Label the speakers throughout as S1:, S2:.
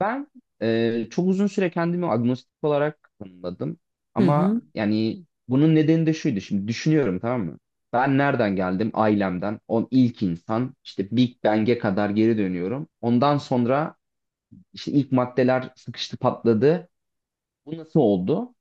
S1: Ben çok uzun süre kendimi agnostik olarak tanımladım.
S2: Hı
S1: Ama
S2: hı.
S1: yani bunun nedeni de şuydu. Şimdi düşünüyorum, tamam mı? Ben nereden geldim? Ailemden. On ilk insan. İşte Big Bang'e kadar geri dönüyorum. Ondan sonra işte ilk maddeler sıkıştı, patladı. Bu nasıl oldu?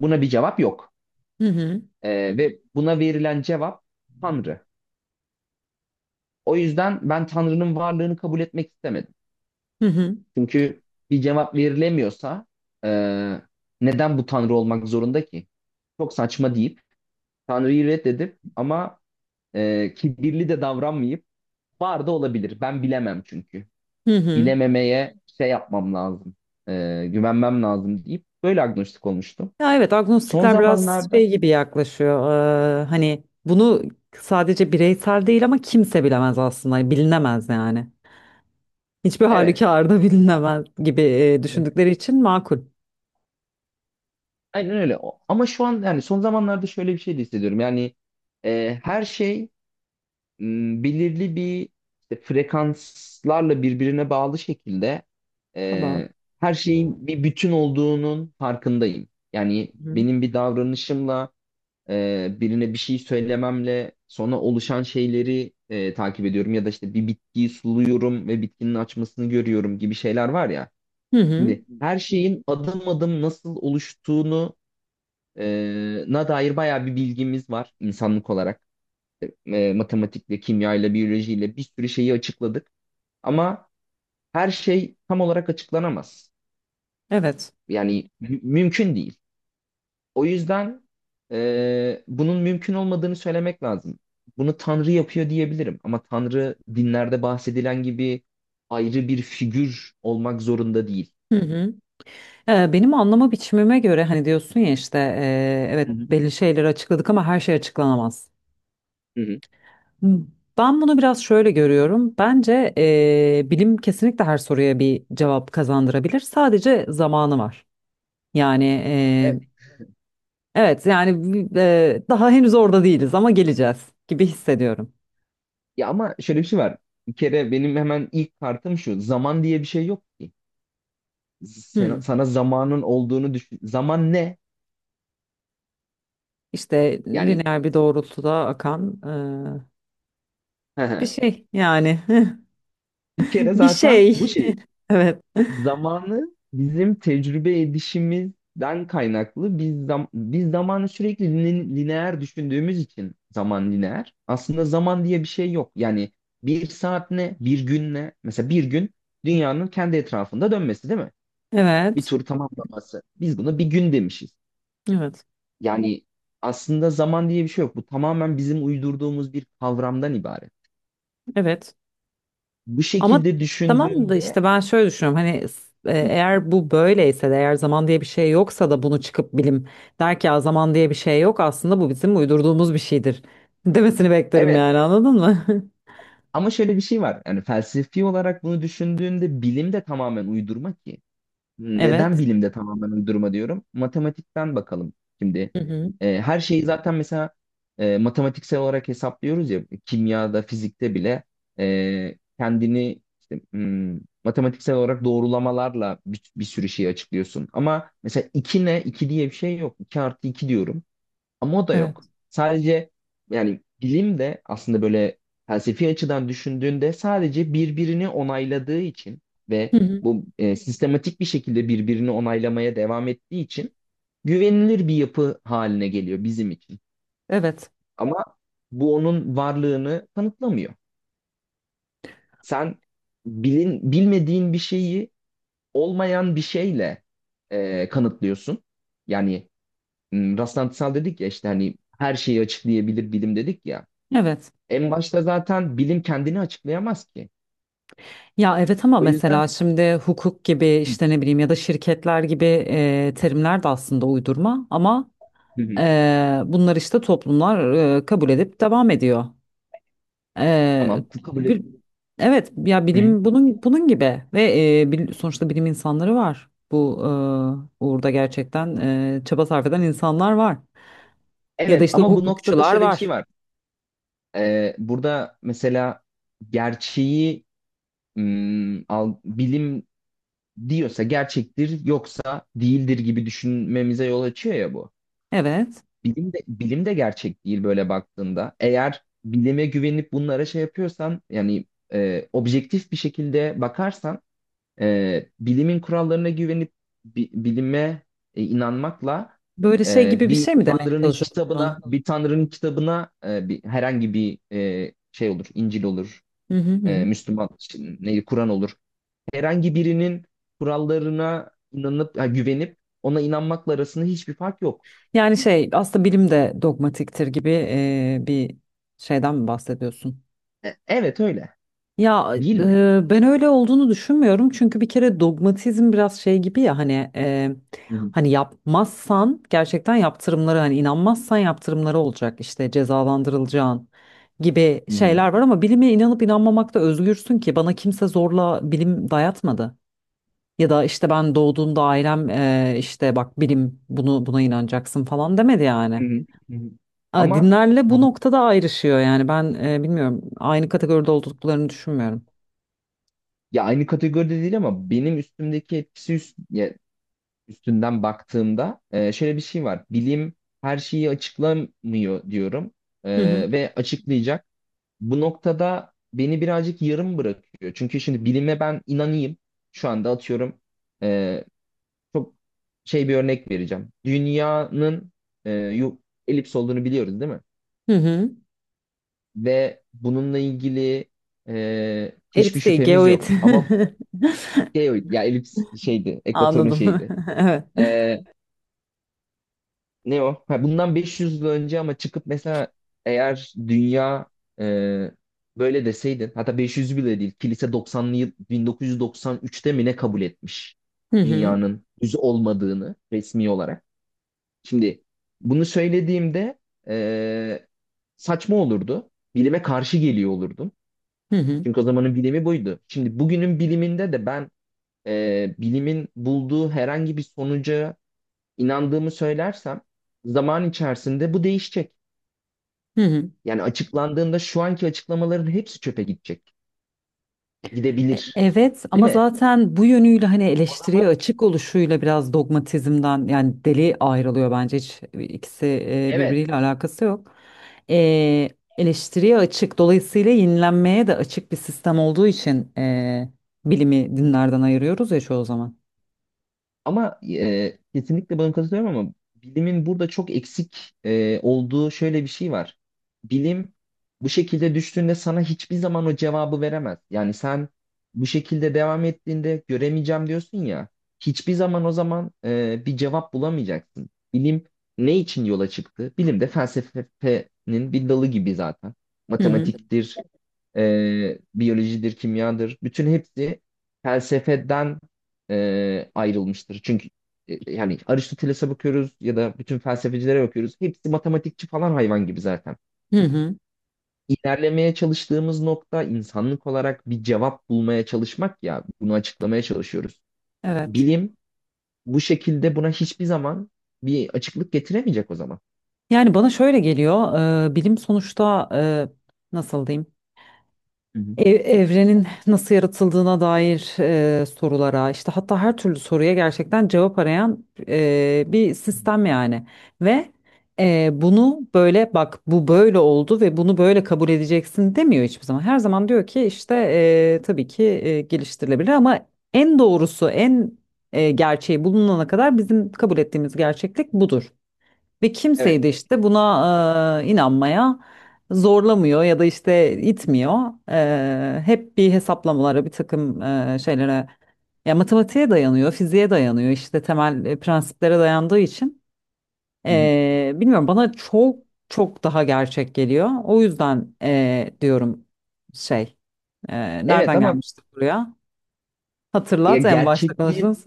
S1: Buna bir cevap yok.
S2: Hı hı.
S1: Ve buna verilen cevap Tanrı. O yüzden ben Tanrı'nın varlığını kabul etmek istemedim.
S2: Hı hı.
S1: Çünkü bir cevap verilemiyorsa e, neden bu Tanrı olmak zorunda ki? Çok saçma deyip Tanrı'yı reddedip ama kibirli de davranmayıp var da olabilir. Ben bilemem çünkü.
S2: Hı hı.
S1: Bilememeye şey yapmam lazım. Güvenmem lazım deyip böyle agnostik olmuştum.
S2: Ya evet
S1: Son
S2: agnostikler biraz
S1: zamanlarda.
S2: şey gibi yaklaşıyor. Hani bunu sadece bireysel değil ama kimse bilemez aslında. Hani bilinemez yani. Hiçbir
S1: Evet.
S2: halükarda bilinemez gibi düşündükleri için makul.
S1: Aynen öyle. Ama şu an yani son zamanlarda şöyle bir şey de hissediyorum. Yani her şey belirli bir işte frekanslarla birbirine bağlı şekilde
S2: Tamam.
S1: e, her şeyin bir bütün olduğunun farkındayım. Yani
S2: Hı hı.
S1: benim bir davranışımla birine bir şey söylememle sonra oluşan şeyleri takip ediyorum ya da işte bir bitkiyi suluyorum ve bitkinin açmasını görüyorum gibi şeyler var ya.
S2: Hı hı.
S1: Şimdi her şeyin adım adım nasıl oluştuğunu e, na dair bayağı bir bilgimiz var insanlık olarak, matematikle, kimyayla, biyolojiyle bir sürü şeyi açıkladık. Ama her şey tam olarak açıklanamaz.
S2: Evet.
S1: Yani mümkün değil. O yüzden bunun mümkün olmadığını söylemek lazım. Bunu Tanrı yapıyor diyebilirim. Ama Tanrı dinlerde bahsedilen gibi ayrı bir figür olmak zorunda değil.
S2: Hı hı. Benim anlama biçimime göre hani diyorsun ya işte
S1: Hı
S2: evet
S1: hı.
S2: belli şeyleri açıkladık ama her şey açıklanamaz.
S1: Hı hı.
S2: Ben bunu biraz şöyle görüyorum. Bence bilim kesinlikle her soruya bir cevap kazandırabilir. Sadece zamanı var. Yani
S1: E,
S2: evet yani daha henüz orada değiliz ama geleceğiz gibi hissediyorum.
S1: ya ama şöyle bir şey var. Bir kere benim hemen ilk kartım şu. Zaman diye bir şey yok ki. Sen-
S2: Hmm.
S1: sana zamanın olduğunu düşün. Zaman ne?
S2: İşte
S1: Yani.
S2: lineer bir doğrultuda akan bir şey yani
S1: Bir kere
S2: bir
S1: zaten bu
S2: şey.
S1: şey,
S2: Evet.
S1: zamanı bizim tecrübe edişimizden kaynaklı, biz zamanı sürekli lineer düşündüğümüz için zaman lineer. Aslında zaman diye bir şey yok. Yani bir saat ne, bir gün ne? Mesela bir gün dünyanın kendi etrafında dönmesi değil mi? Bir
S2: Evet.
S1: tur tamamlaması. Biz buna bir gün demişiz.
S2: Evet.
S1: Yani aslında zaman diye bir şey yok. Bu tamamen bizim uydurduğumuz bir kavramdan ibaret.
S2: Evet.
S1: Bu
S2: Ama
S1: şekilde
S2: tamam da
S1: düşündüğünde.
S2: işte ben şöyle düşünüyorum hani eğer bu böyleyse de eğer zaman diye bir şey yoksa da bunu çıkıp bilim der ki ya zaman diye bir şey yok aslında bu bizim uydurduğumuz bir şeydir demesini beklerim
S1: Evet.
S2: yani anladın mı?
S1: Ama şöyle bir şey var. Yani felsefi olarak bunu düşündüğünde bilim de tamamen uydurma ki. Neden
S2: Evet.
S1: bilim de tamamen uydurma diyorum? Matematikten bakalım şimdi.
S2: Hı hı.
S1: Her şeyi zaten mesela matematiksel olarak hesaplıyoruz ya. Kimyada, fizikte bile kendini işte, matematiksel olarak doğrulamalarla bir sürü şeyi açıklıyorsun. Ama mesela 2 ne? İki diye bir şey yok. İki artı 2 diyorum. Ama o da yok.
S2: Evet.
S1: Sadece, yani bilim de aslında böyle felsefi açıdan düşündüğünde sadece birbirini onayladığı için
S2: Hı
S1: ve
S2: hı.
S1: bu sistematik bir şekilde birbirini onaylamaya devam ettiği için güvenilir bir yapı haline geliyor bizim için.
S2: Evet.
S1: Ama bu onun varlığını kanıtlamıyor. Sen bilmediğin bir şeyi olmayan bir şeyle kanıtlıyorsun. Yani rastlantısal dedik ya, işte hani her şeyi açıklayabilir bilim dedik ya.
S2: Evet.
S1: En başta zaten bilim kendini açıklayamaz ki.
S2: Ya evet ama
S1: O yüzden.
S2: mesela şimdi hukuk gibi
S1: Hı,
S2: işte ne bileyim ya da şirketler gibi terimler de aslında uydurma ama
S1: hı, hı.
S2: bunlar işte toplumlar kabul edip devam ediyor. Ee,
S1: Tamam, kabul et.
S2: bir, evet ya
S1: Hı, hı.
S2: bilim bunun gibi ve sonuçta bilim insanları var. Bu uğurda gerçekten çaba sarf eden insanlar var. Ya da
S1: Evet
S2: işte
S1: ama bu noktada
S2: hukukçular
S1: şöyle bir şey
S2: var.
S1: var. Burada mesela gerçeği bilim diyorsa gerçektir yoksa değildir gibi düşünmemize yol açıyor ya bu.
S2: Evet.
S1: Bilim de gerçek değil böyle baktığında. Eğer bilime güvenip bunlara şey yapıyorsan yani objektif bir şekilde bakarsan bilimin kurallarına güvenip bilime inanmakla
S2: Böyle şey gibi bir
S1: bir
S2: şey mi demeye
S1: tanrının
S2: çalışıyorsun? Hı
S1: kitabına bir tanrının kitabına herhangi bir şey olur, İncil olur,
S2: hı hı. Hı.
S1: Müslüman ne Kur'an olur. Herhangi birinin kurallarına inanıp güvenip ona inanmakla arasında hiçbir fark yok.
S2: Yani şey aslında bilim de dogmatiktir gibi bir şeyden mi bahsediyorsun?
S1: Evet öyle.
S2: Ya
S1: Değil mi?
S2: ben öyle olduğunu düşünmüyorum çünkü bir kere dogmatizm biraz şey gibi ya hani
S1: Hı hı.
S2: hani yapmazsan gerçekten yaptırımları hani inanmazsan yaptırımları olacak işte cezalandırılacağın gibi
S1: Hı hı.
S2: şeyler var ama bilime inanıp inanmamakta özgürsün ki bana kimse zorla bilim dayatmadı. Ya da işte ben doğduğumda ailem işte bak bilim bunu buna inanacaksın falan demedi yani.
S1: Hı hı. Hı hı.
S2: Aa,
S1: Ama,
S2: dinlerle bu noktada ayrışıyor yani ben bilmiyorum aynı kategoride olduklarını düşünmüyorum.
S1: ya aynı kategoride değil ama benim üstümdeki etkisi ya üstünden baktığımda şöyle bir şey var. Bilim her şeyi açıklamıyor diyorum. E,
S2: Hı hı.
S1: ve açıklayacak. Bu noktada beni birazcık yarım bırakıyor. Çünkü şimdi bilime ben inanayım. Şu anda atıyorum, e, çok şey, bir örnek vereceğim. Dünyanın e, yu- elips olduğunu biliyoruz değil mi?
S2: Hı hı.
S1: Ve bununla ilgili hiçbir
S2: Elips değil,
S1: şüphemiz
S2: geoid.
S1: yok. Ama geoid, ya elips şeydi, ekvatorun
S2: Anladım.
S1: şeydi.
S2: Evet.
S1: E, Ne o? Ha, bundan 500 yıl önce ama çıkıp mesela eğer dünya e, böyle deseydin, hatta 500 bile değil, kilise 90'lı yıl 1993'te mi ne kabul etmiş
S2: Hı hı.
S1: dünyanın düz olmadığını resmi olarak. Şimdi bunu söylediğimde e, saçma olurdu. Bilime karşı geliyor olurdum.
S2: Hı hı.
S1: Çünkü o zamanın bilimi buydu. Şimdi bugünün biliminde de ben bilimin bulduğu herhangi bir sonuca inandığımı söylersem zaman içerisinde bu değişecek.
S2: Hı hı.
S1: Yani açıklandığında şu anki açıklamaların hepsi çöpe gidecek. Gidebilir.
S2: Evet
S1: Değil
S2: ama
S1: mi?
S2: zaten bu yönüyle hani
S1: O zaman
S2: eleştiriye açık oluşuyla biraz dogmatizmden yani deli ayrılıyor bence hiç ikisi
S1: evet.
S2: birbiriyle alakası yok. E, eleştiriye açık dolayısıyla yenilenmeye de açık bir sistem olduğu için bilimi dinlerden ayırıyoruz ya çoğu zaman.
S1: Ama kesinlikle buna katılıyorum ama bilimin burada çok eksik olduğu şöyle bir şey var. Bilim bu şekilde düştüğünde sana hiçbir zaman o cevabı veremez. Yani sen bu şekilde devam ettiğinde göremeyeceğim diyorsun ya, hiçbir zaman o zaman bir cevap bulamayacaksın. Bilim ne için yola çıktı? Bilim de felsefenin bir dalı gibi zaten.
S2: Hı hı.
S1: Matematiktir, biyolojidir, kimyadır. Bütün hepsi felsefeden ayrılmıştır. Çünkü yani Aristoteles'e bakıyoruz ya da bütün felsefecilere bakıyoruz. Hepsi matematikçi falan, hayvan gibi zaten.
S2: Hı hı.
S1: İlerlemeye çalıştığımız nokta insanlık olarak bir cevap bulmaya çalışmak, ya bunu açıklamaya çalışıyoruz.
S2: Evet.
S1: Bilim bu şekilde buna hiçbir zaman bir açıklık getiremeyecek o zaman.
S2: Yani bana şöyle geliyor, bilim sonuçta nasıl diyeyim,
S1: Hı hı.
S2: evrenin nasıl yaratıldığına dair sorulara, işte hatta her türlü soruya gerçekten cevap arayan bir
S1: Hı hı.
S2: sistem yani. Ve bunu böyle bak bu böyle oldu ve bunu böyle kabul edeceksin demiyor hiçbir zaman. Her zaman diyor ki işte tabii ki geliştirilebilir ama en doğrusu, en gerçeği bulunana kadar bizim kabul ettiğimiz gerçeklik budur. Ve kimseyi
S1: Evet.
S2: de işte buna inanmaya zorlamıyor ya da işte itmiyor. Hep bir hesaplamalara, bir takım şeylere, ya matematiğe dayanıyor, fiziğe dayanıyor, işte temel prensiplere dayandığı için.
S1: Hı hı.
S2: Bilmiyorum bana çok çok daha gerçek geliyor. O yüzden diyorum şey,
S1: Evet
S2: nereden
S1: ama
S2: gelmiştik buraya?
S1: ya,
S2: Hatırlat en başta
S1: gerçekliğin
S2: konuştuğumuz.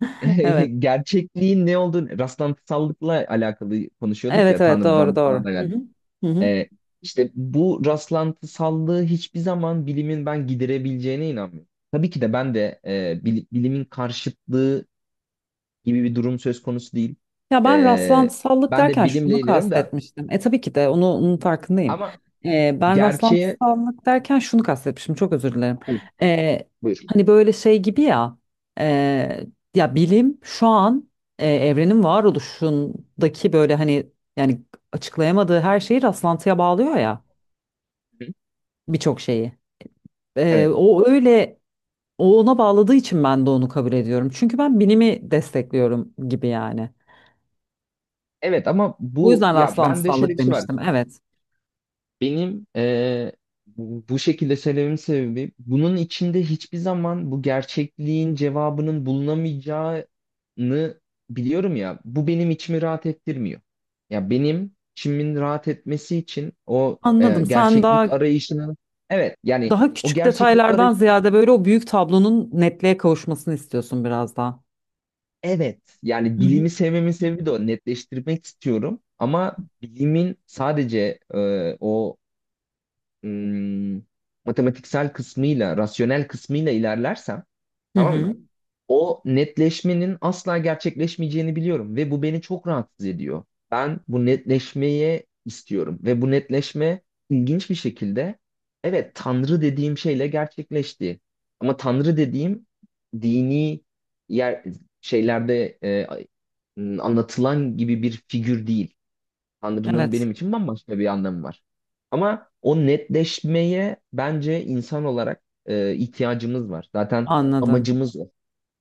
S2: Evet,
S1: gerçekliğin ne olduğunu, rastlantısallıkla alakalı konuşuyorduk
S2: evet,
S1: ya,
S2: evet doğru
S1: Tanrı'dan
S2: doğru.
S1: falan da
S2: Hı
S1: geldi.
S2: hı. Hı hı.
S1: Ee, işte bu rastlantısallığı hiçbir zaman bilimin ben giderebileceğine inanmıyorum. Tabii ki de ben de bilimin karşıtlığı gibi bir durum söz konusu değil.
S2: Ya ben
S1: Ee,
S2: rastlantısallık
S1: ben de
S2: derken
S1: bilimle
S2: şunu
S1: ilgileniyorum da,
S2: kastetmiştim. Tabii ki de onu, onun farkındayım.
S1: ama
S2: Ben
S1: gerçeğe...
S2: rastlantısallık derken şunu kastetmiştim. Çok özür dilerim.
S1: Hı,
S2: E,
S1: buyur.
S2: hani böyle şey gibi ya. e, ya bilim şu an evrenin varoluşundaki böyle hani yani açıklayamadığı her şeyi rastlantıya bağlıyor ya
S1: Hı,
S2: birçok şeyi. E,
S1: evet.
S2: o öyle o ona bağladığı için ben de onu kabul ediyorum. Çünkü ben bilimi destekliyorum gibi yani.
S1: Evet ama
S2: Bu
S1: bu,
S2: yüzden
S1: ya bende şöyle
S2: rastlantısallık
S1: bir şey var.
S2: demiştim. Evet.
S1: Benim bu şekilde söylememin sebebi, bunun içinde hiçbir zaman bu gerçekliğin cevabının bulunamayacağını biliyorum ya. Bu benim içimi rahat ettirmiyor. Ya benim içimin rahat etmesi için o
S2: Anladım. Sen
S1: gerçeklik
S2: daha
S1: arayışının, evet. Yani
S2: daha
S1: o
S2: küçük
S1: gerçeklik
S2: detaylardan
S1: arayış,
S2: ziyade böyle o büyük tablonun netliğe kavuşmasını istiyorsun biraz daha.
S1: evet.
S2: Hı
S1: Yani
S2: hı.
S1: bilimi sevmemin sebebi de o, netleştirmek istiyorum ama bilimin sadece o ım, matematiksel kısmıyla, rasyonel kısmıyla ilerlersem,
S2: Hı
S1: tamam mı?
S2: hı.
S1: O netleşmenin asla gerçekleşmeyeceğini biliyorum ve bu beni çok rahatsız ediyor. Ben bu netleşmeye istiyorum ve bu netleşme ilginç bir şekilde, evet, Tanrı dediğim şeyle gerçekleşti. Ama Tanrı dediğim, dini yer şeylerde anlatılan gibi bir figür değil. Tanrı'nın
S2: Evet,
S1: benim için bambaşka bir anlamı var. Ama o netleşmeye bence insan olarak ihtiyacımız var. Zaten
S2: anladım.
S1: amacımız o.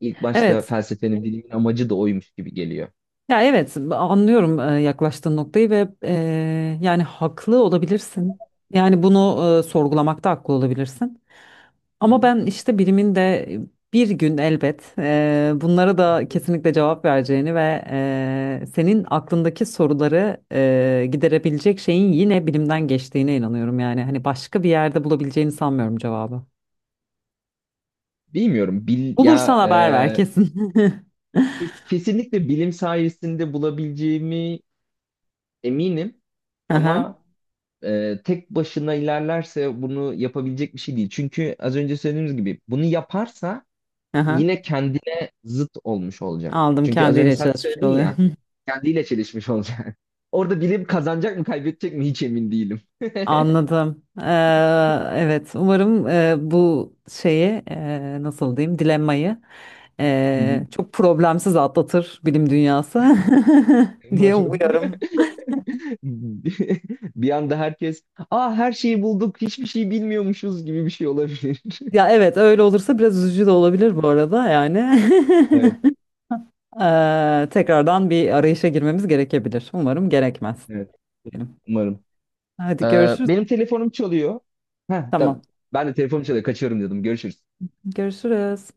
S1: İlk başta
S2: Evet.
S1: felsefenin, bilimin amacı da oymuş gibi geliyor.
S2: Ya evet, anlıyorum yaklaştığın noktayı ve yani haklı olabilirsin. Yani bunu sorgulamakta haklı olabilirsin.
S1: Hı
S2: Ama
S1: hı.
S2: ben işte bilimin de bir gün elbet bunlara da kesinlikle cevap vereceğini ve senin aklındaki soruları giderebilecek şeyin yine bilimden geçtiğine inanıyorum. Yani hani başka bir yerde bulabileceğini sanmıyorum cevabı.
S1: Bilmiyorum.
S2: Bulursan
S1: Ya
S2: haber ver kesin.
S1: kesinlikle bilim sayesinde bulabileceğimi eminim.
S2: Aha,
S1: Ama tek başına ilerlerse bunu yapabilecek bir şey değil. Çünkü az önce söylediğimiz gibi bunu yaparsa
S2: aha.
S1: yine kendine zıt olmuş olacak.
S2: Aldım
S1: Çünkü az önce
S2: kendiyle
S1: sen de
S2: çalışmış
S1: söyledin
S2: oluyor.
S1: ya. Kendiyle çelişmiş olacak. Orada bilim kazanacak mı, kaybedecek mi hiç emin değilim.
S2: Anladım. Evet, umarım bu şeyi nasıl diyeyim dilemmayı
S1: Hı hı.
S2: çok problemsiz atlatır bilim dünyası diye
S1: Umarım.
S2: umuyorum.
S1: Bir anda herkes, aa her şeyi bulduk, hiçbir şey bilmiyormuşuz gibi bir şey olabilir.
S2: Ya evet öyle olursa biraz üzücü de olabilir bu arada yani.
S1: Evet,
S2: Tekrardan bir arayışa girmemiz gerekebilir. Umarım gerekmez
S1: evet
S2: diyelim.
S1: umarım.
S2: Hadi
S1: Ee,
S2: görüşürüz.
S1: benim telefonum çalıyor. Heh,
S2: Tamam.
S1: tamam. Ben de telefonum çalıyor, kaçıyorum dedim. Görüşürüz.
S2: Görüşürüz.